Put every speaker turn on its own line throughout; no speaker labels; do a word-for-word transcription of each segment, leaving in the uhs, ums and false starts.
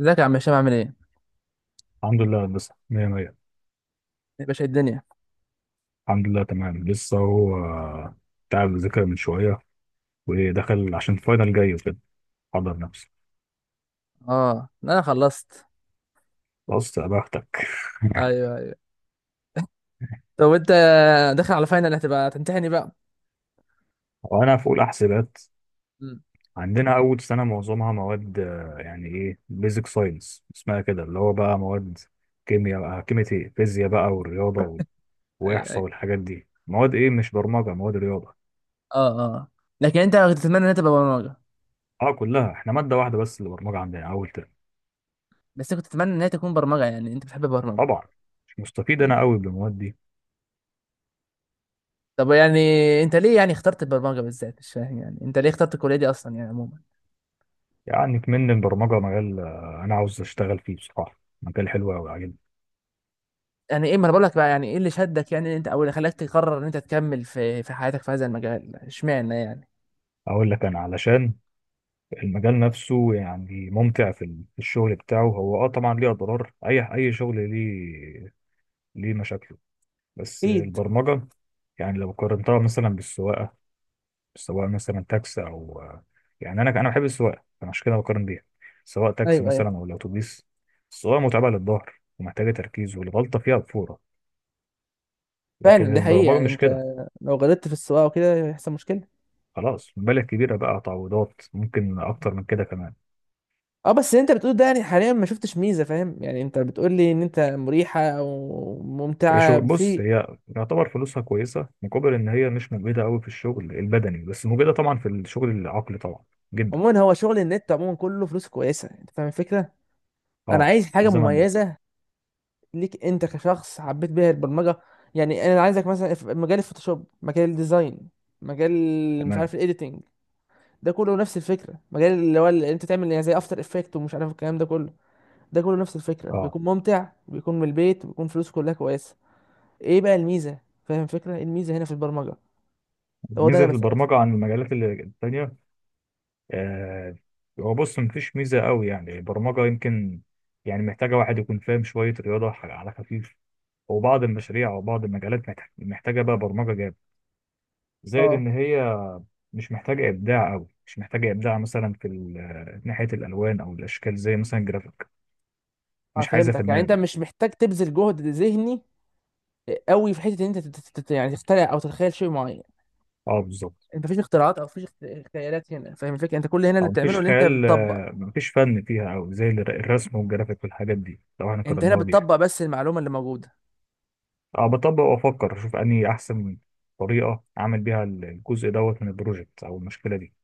ازيك يا عم هشام، عامل ايه؟
الحمد لله لسه مية مية.
يا باشا الدنيا.
الحمد لله تمام. لسه هو تعب، ذاكر من شوية ودخل عشان فاينل جاي وكده، حضر نفسه.
اه، انا خلصت.
بص يا بختك.
ايوه، ايوه. طب وانت داخل على فاينل، هتبقى تمتحني بقى.
وأنا في أولى حسابات.
امم.
عندنا أول سنة معظمها مواد، آه، يعني إيه بيزك ساينس اسمها كده، اللي هو بقى مواد كيمياء بقى، كيمياء إيه، فيزياء بقى، والرياضة و-
ايوه،
وإحصاء
ايوه.
والحاجات دي. مواد إيه، مش برمجة، مواد رياضة.
اه، اه. لكن انت كنت تتمنى انها تبقى برمجه؟
أه كلها، إحنا مادة واحدة بس اللي برمجة عندنا أول ترم.
بس كنت تتمنى انها تكون برمجه، يعني انت بتحب البرمجه.
طبعا. مش مستفيد أنا
امم.
أوي بالمواد دي.
طب يعني انت ليه يعني اخترت البرمجه بالذات؟ مش فاهم، يعني انت ليه اخترت الكليه دي اصلا يعني عموما.
يعني كمان البرمجة مجال، آه، أنا عاوز أشتغل فيه بصراحة، مجال حلو أوي عاجبني.
يعني ايه، ما انا بقول لك بقى يعني ايه اللي شدك، يعني انت او اللي خلاك تقرر ان انت تكمل في في حياتك في هذا المجال، اشمعنى يعني.
أقول لك أنا علشان المجال نفسه يعني ممتع، في ال- في الشغل بتاعه. هو أه طبعا ليه أضرار، أي أي شغل ليه ليه مشاكله، بس
اكيد.
البرمجة يعني لو قارنتها مثلا بالسواقة، سواء مثلا تاكسي أو، آه، يعني أنا أنا بحب السواقة، أنا عشان كده بقارن بيها، سواء تاكسي
ايوه، ايوه.
مثلا أو الأتوبيس. السواقة متعبة للظهر ومحتاجة تركيز، والغلطة فيها بفورة،
فعلا
لكن
دي حقيقة،
البرمجة
يعني
مش
انت
كده.
لو غلطت في السواقة وكده هيحصل مشكلة.
خلاص، مبالغ كبيرة بقى، تعويضات، ممكن أكتر من كده كمان.
اه، بس اللي انت بتقول ده، يعني حاليا ما شفتش ميزه. فاهم، يعني انت بتقول لي ان انت مريحه او
هي شو،
ممتعه في.
بص، هي يعتبر فلوسها كويسة، مقابل إن هي مش مجهدة أوي في الشغل البدني، بس مجهدة طبعا في الشغل العقلي، طبعا جدا.
عموما هو شغل النت عموما كله فلوس كويسه، انت فاهم الفكره. انا
اه.
عايز
في
حاجه
الزمن ده.
مميزه ليك انت كشخص حبيت بيها البرمجه. يعني انا عايزك مثلا في مجال الفوتوشوب، مجال الديزاين، مجال مش
تمام.
عارف الايديتنج، ده كله نفس الفكره. مجال اللي هو اللي انت تعمل، يعني زي افتر افكت ومش عارف الكلام ده كله، ده كله نفس الفكره،
اه.
بيكون ممتع، بيكون من البيت، بيكون فلوسه كلها كويسه. ايه بقى الميزه؟ فاهم الفكره، إيه الميزه هنا في البرمجه؟ هو ده انا
ميزة في
بسألك
البرمجة
فيه.
عن المجالات ال- التانية. آه. هو بص، مفيش ميزة أوي، يعني البرمجة يمكن يعني محتاجة واحد يكون فاهم شوية رياضة على خفيف، وبعض المشاريع وبعض المجالات محتاج- محتاجة بقى برمجة جامد. زائد
اه،
إن هي مش محتاجة إبداع أوي، مش محتاجة إبداع مثلا في ال- آه، ناحية الألوان أو الأشكال، زي مثلا جرافيك.
اه.
مش عايزة
فهمتك، يعني انت
فنان.
مش محتاج تبذل جهد ذهني قوي في حته ان انت تت- تت- يعني تخترع او تتخيل شيء معين.
أه بالظبط.
انت مفيش اختراعات، او مفيش اخت- خيالات هنا. فاهم الفكره، انت كل هنا اللي
أو
بتعمله
مفيش
ان انت
خيال،
بتطبق.
آه، مفيش فن فيها أوي زي الر- الرسم والجرافيك والحاجات دي، لو إحنا
انت هنا
قارناها بيها.
بتطبق بس المعلومه اللي موجوده.
أه بطبق وأفكر، أشوف أنهي أحسن طريقة أعمل بيها ال- الجزء دوت من البروجكت أو المشكلة دي.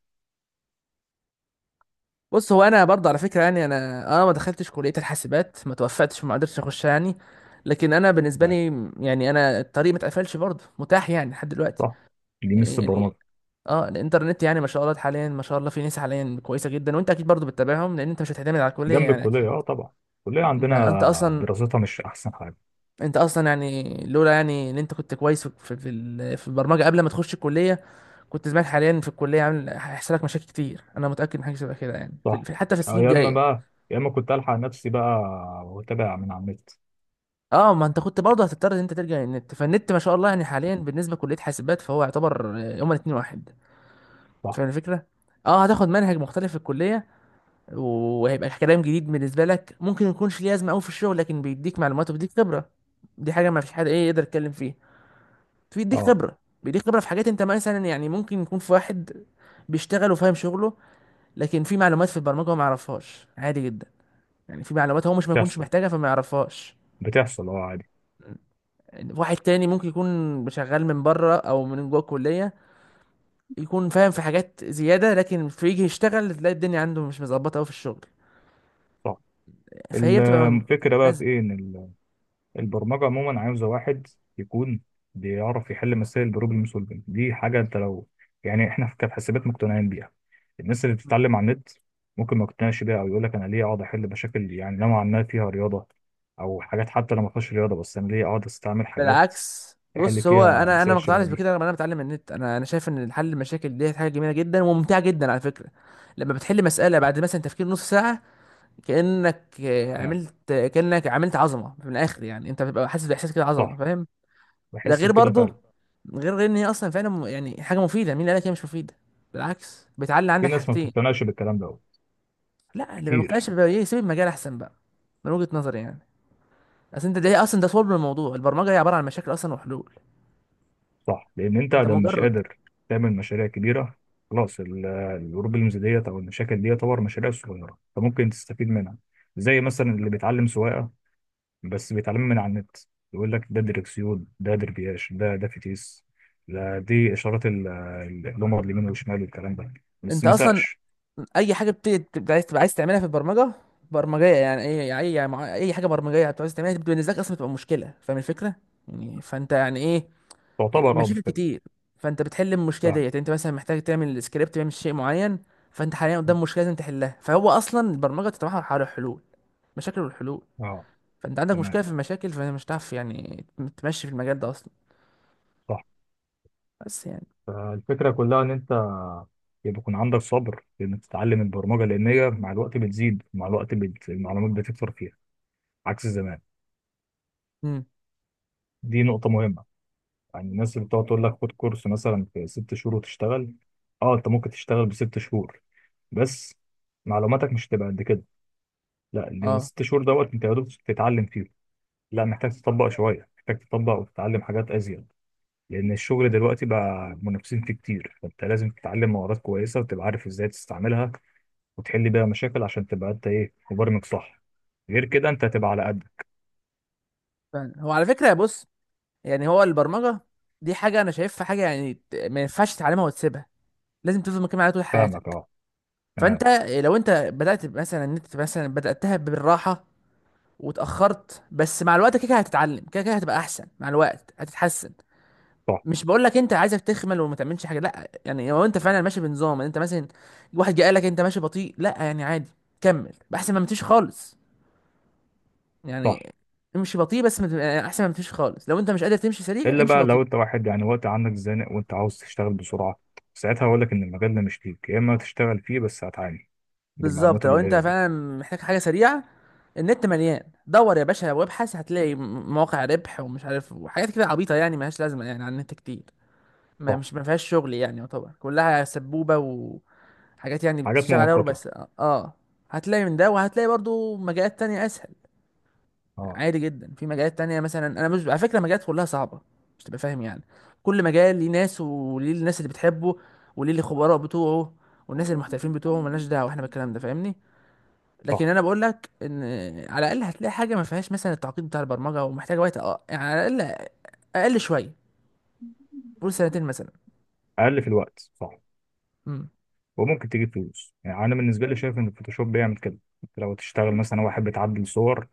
بص، هو انا برضه على فكره، يعني انا انا ما دخلتش كليه الحاسبات، ما توفقتش وما قدرتش اخش يعني. لكن انا بالنسبه
تمام.
لي، يعني انا الطريق ما اتقفلش، برضه متاح يعني لحد دلوقتي
صح، دي ميزة
يعني.
البرمجة.
اه، الانترنت يعني ما شاء الله حاليا، ما شاء الله في ناس حاليا كويسه جدا، وانت اكيد برضو بتتابعهم، لان انت مش هتعتمد على الكليه
جنب
يعني اكيد.
الكلية أه طبعا، الكلية
انت انت
عندنا
اصلا
دراستها مش أحسن حاجة.
انت اصلا، يعني لولا يعني ان انت كنت كويس في في, ال- في البرمجه قبل ما تخش الكليه، كنت زمان حاليا في الكليه عامل هيحصل لك مشاكل كتير. انا متاكد من حاجه شبه كده، يعني في
صح.
في- حتى في
آه،
السنين
يا إما
الجايه.
بقى، يا إما كنت ألحق نفسي بقى وأتابع من على النت.
اه، ما انت كنت برضه هتضطر ان انت ترجع النت، فالنت ما شاء الله يعني حاليا بالنسبه لكليه حاسبات، فهو يعتبر آه، هما الاثنين واحد.
صح.
فاهم الفكره، اه، هتاخد منهج مختلف في الكليه وهيبقى كلام جديد بالنسبه لك، ممكن ما يكونش ليه لازمه قوي في الشغل، لكن بيديك معلومات وبيديك خبره. دي حاجه ما فيش حد ايه يقدر يتكلم فيها. بيديك
اه
خبره، بيديك خبره في حاجات، انت مثلا يعني ممكن يكون في واحد بيشتغل وفاهم شغله، لكن في معلومات في البرمجه هو ما يعرفهاش عادي جدا. يعني في معلومات هو مش ما يكونش
بتحصل،
محتاجها فما يعرفهاش.
بتحصل اه عادي.
واحد تاني ممكن يكون شغال من بره او من جوه الكليه، يكون فاهم في حاجات زياده، لكن في يجي يشتغل تلاقي الدنيا عنده مش مظبطه قوي في الشغل.
صح.
فهي بتبقى
الفكرة بقى في
متناسبه.
ايه، ان ال- البرمجة عموما عاوزة واحد يكون بيعرف يحل مسائل، بروبلم سولفنج. دي حاجة انت لو، يعني احنا في كحاسبات مقتنعين بيها. الناس اللي بتتعلم على النت ممكن ما يقتنعش بيها، او يقول لك انا ليه اقعد احل مشاكل يعني نوعا ما فيها رياضة، او حاجات حتى لو ما فيهاش رياضة، بس انا ليه اقعد استعمل حاجات
بالعكس،
احل
بص هو
فيها
انا انا ما
مسائل شبه
اقتنعتش
دي.
بكده، لما انا بتعلم النت انا انا شايف ان حل المشاكل دي حاجه جميله جدا وممتعه جدا على فكره. لما بتحل مساله بعد مثلا تفكير نص ساعه، كانك آه،
آه.
عملت، كانك عملت عظمه من الاخر، يعني انت بتبقى حاسس باحساس كده عظمه،
صح.
فاهم؟ ده
بحس
غير
بكده
برضه،
فعلا.
غير غير ان هي اصلا فعلا م- يعني حاجه مفيده. مين اللي قالك هي مش مفيده؟ بالعكس، بتعلي
في
عندك
ناس ما
حاجتين.
بتقتنعش بالكلام ده أوي.
لا، اللي ما
كتير.
مقتنعش بيها يسيب المجال احسن بقى، من وجهه نظري يعني. اصل انت ده اصلا ده صلب الموضوع، البرمجه هي عباره عن مشاكل اصلا وحلول.
صح، لان انت
انت
ده مش
مجرد،
قادر تعمل مشاريع كبيره، خلاص ال- الجروب المز ديت او المشاكل دي تعتبر مشاريع صغيره، فممكن تستفيد منها. زي مثلا اللي بيتعلم سواقه بس بيتعلم من على النت، يقول لك ده دركسيون، ده دربياش، ده ده فتيس، ده دي اشارات ال- ال- اللمبه اليمين والشمال والكلام ده، بس
انت
ما
اصلا
ساقش.
اي حاجه بتبقى بت... عايز تبقى عايز تعملها في البرمجه، برمجيه يعني، اي اي يعني مع- اي حاجه برمجيه بتبقى عايز تعملها دي بالنسبه لك اصلا بتبقى مشكله. فاهم الفكره؟ يعني فانت يعني ايه،
تعتبر اه
مشاكل
مشكله.
كتير. فانت بتحل المشكله
فاهم.
ديت، انت مثلا محتاج تعمل سكريبت بيعمل شيء معين، فانت حاليا قدام مشكله لازم تحلها. فهو اصلا البرمجه بتتمحور حول الحلول، مشاكل والحلول.
اه
فانت عندك
تمام.
مشكله في المشاكل فمش هتعرف يعني تمشي في المجال ده اصلا.
صح.
بس يعني.
فالفكره كلها ان انت يبقى يكون عندك صبر انك تتعلم البرمجه، لان هي مع الوقت بتزيد، مع الوقت بت... المعلومات بتكتر فيها، عكس زمان.
امم.
دي نقطة مهمة. يعني الناس اللي بتقعد تقول لك خد كورس مثلا في ست شهور وتشتغل. اه، انت ممكن تشتغل بست شهور، بس معلوماتك مش هتبقى قد كده. لا، لان
اه،
الست شهور دوت انت يا دوب بتتعلم فيه. لا محتاج تطبق شوية، محتاج تطبق وتتعلم حاجات ازيد، لان الشغل دلوقتي بقى منافسين فيه كتير. فانت لازم تتعلم مهارات كويسة، وتبقى عارف ازاي تستعملها، وتحل بيها مشاكل، عشان تبقى انت ايه، مبرمج صح. غير كده انت هتبقى على قدك.
فعلا. هو على فكره بص، يعني هو البرمجة دي حاجة أنا شايفها حاجة يعني ت- ما ينفعش تتعلمها وتسيبها، لازم تفضل مكمل عليها طول
فاهمك
حياتك.
اه. تمام.
فأنت لو أنت بدأت مثلا، إن أنت مثلا بدأتها بالراحة وتأخرت، بس مع الوقت كده كده هتتعلم، كده كده هتبقى أحسن، مع الوقت هتتحسن.
صح.
مش بقول لك أنت عايزك تخمل وما تعملش حاجة لا، يعني لو أنت فعلا ماشي بنظام، أنت مثلا واحد جه قال لك أنت ماشي بطيء، لا يعني عادي، كمل، أحسن ما متمشيش خالص.
صح.
يعني امشي بطيء، بس ما تبقى- أحسن ما متمشيش خالص، لو أنت مش قادر تمشي سريع
الا
امشي
بقى لو
بطيء.
انت واحد يعني وقت عندك زنق، وانت عاوز تشتغل بسرعه، ساعتها هقول لك ان المجال ده مش ليك، يا اما تشتغل فيه بس هتعاني
بالظبط،
بالمعلومات
لو انت
القليله دي.
فعلا محتاج حاجه سريعه، النت مليان، دور يا باشا وابحث هتلاقي م- مواقع ربح ومش عارف وحاجات كده عبيطه يعني ملهاش لازمه، يعني على النت كتير، ما
صح.
مش ما فيهاش شغل يعني، يعتبر كلها سبوبه وحاجات يعني
حاجات
بتشتغل عليها ربع
مؤقته.
ساعه. اه، هتلاقي من ده، وهتلاقي برضو مجالات تانية اسهل.
اه.
عادي جدا، في مجالات تانية مثلا، انا مش على فكره مجالات كلها صعبه، مش تبقى فاهم يعني. كل مجال ليه ناس وليه الناس اللي بتحبه وليه الخبراء بتوعه والناس المحترفين بتوعه، ملناش دعوه احنا بالكلام ده، فاهمني؟
صح.
لكن انا بقول لك ان على الاقل هتلاقي حاجه ما فيهاش مثلا التعقيد بتاع البرمجه ومحتاجه وقت، اه يعني على الاقل اقل شويه، قول سنتين مثلا.
اقل في الوقت، صح،
امم.
وممكن تجيب فلوس. يعني انا بالنسبه لي شايف ان الفوتوشوب بيعمل كده. انت لو تشتغل مثلا واحد بتعدل صور،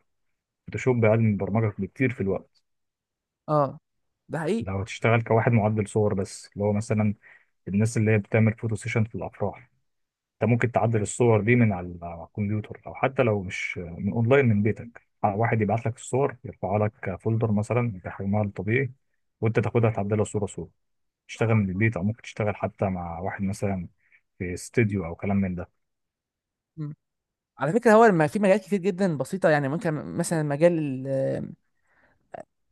فوتوشوب اقل من البرمجه بكتير في الوقت.
اه ده حقيقي.
لو هتشتغل كواحد معدل صور بس، اللي هو مثلا الناس اللي هي بتعمل فوتو سيشن في الافراح، انت ممكن تعدل الصور دي من على على الكمبيوتر، او حتى لو مش من اونلاين، من بيتك، واحد يبعت لك الصور، يرفع لك فولدر مثلا بحجمها الطبيعي، وانت تاخدها تعدلها صوره صوره، تشتغل من البيت، او ممكن تشتغل حتى مع واحد مثلا في استوديو او كلام من ده.
مم. على فكره هو لما في مجالات كتير جدا بسيطه، يعني ممكن مثلا مجال ال-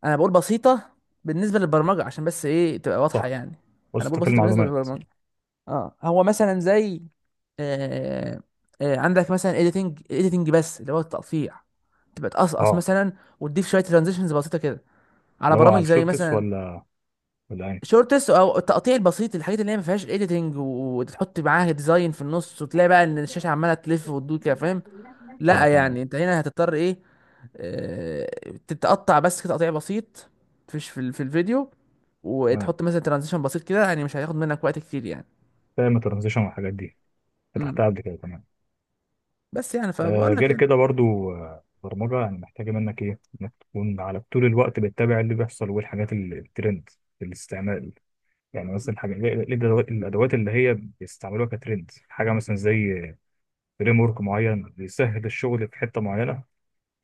انا بقول بسيطه بالنسبه للبرمجه عشان بس ايه تبقى واضحه
صح.
يعني.
بص
انا
انت
بقول
في
بسيطه بالنسبه
المعلومات.
للبرمجه. اه، هو مثلا زي آه آه عندك مثلا اديتنج، اديتنج بس اللي هو التقطيع، تبقى تقصقص
اه.
مثلا وتضيف شويه ترانزيشنز بسيطه كده، على
لو
برامج
على
زي
الشورتس
مثلا
ولا ولا ايه؟
شورتس او التقطيع البسيط، الحاجات اللي هي ما فيهاش اديتنج وتحط معاها ديزاين في النص وتلاقي بقى ان الشاشه عماله تلف وتدور كده، فاهم؟ لا
اه
يعني
تمام.
انت هنا هتضطر ايه، آه، تتقطع بس كده تقطيع بسيط فيش في ال- في الفيديو،
تمام.
وتحط مثلا ترانزيشن بسيط كده، يعني مش هياخد منك وقت كتير يعني.
فاهم الترانزيشن والحاجات دي،
امم.
فتحتها قبل كده. تمام.
بس يعني
آه،
فبقول لك
غير
يعني.
كده برضو، آه، برمجة يعني محتاجة منك ايه، انك تكون على طول الوقت بتتابع اللي بيحصل والحاجات ال- الترند في الاستعمال. يعني مثلا حاجة إيه- إيه الأدوات، الأدوات اللي هي بيستعملوها كترند، حاجة مثلا زي فريم ورك معين بيسهل الشغل في حتة معينة.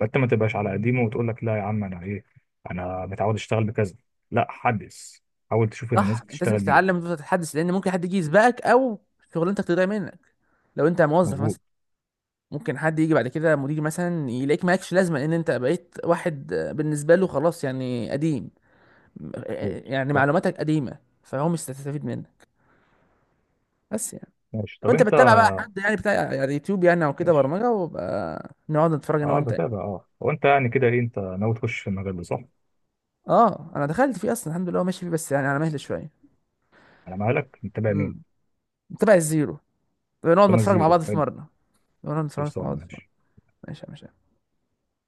فأنت ما تبقاش على قديمه، وتقول لك لا يا عم أنا ايه، أنا متعود أشتغل بكذا. لا، حدث، حاول تشوف اللي الناس
صح، انت لازم
بتشتغل بيه.
تتعلم وتفضل تتحدث، لان ممكن حد يجي يسبقك او شغلانتك تضيع منك لو انت موظف
مظبوط.
مثلا. ممكن حد يجي بعد كده مدير مثلا يلاقيك مالكش لازمه، لان انت بقيت واحد بالنسبه له خلاص يعني قديم،
مظبوط
يعني
صح.
معلوماتك قديمه فهو مش هتستفيد منك. بس يعني
ماشي،
لو
طب
انت
أنت.
بتتابع بقى حد يعني بتاع يعني يوتيوب يعني او كده
ماشي.
برمجه، وبقى نقعد نتفرج انا
اه
وانت يعني.
بتابع. اه، هو أنت يعني كده ايه، أنت ناوي تخش في المجال ده صح؟
اه، انا دخلت فيه اصلا الحمد لله، هو ماشي فيه بس يعني على مهل شويه.
انا مالك متابع
امم.
مين؟
متابع الزيرو. نقعد
سونا
نتفرج مع
زيرو
بعض في
حلو.
مره. نقعد نتفرج مع
خلصانه
بعض في مره.
ماشي.
ماشي، ماشي.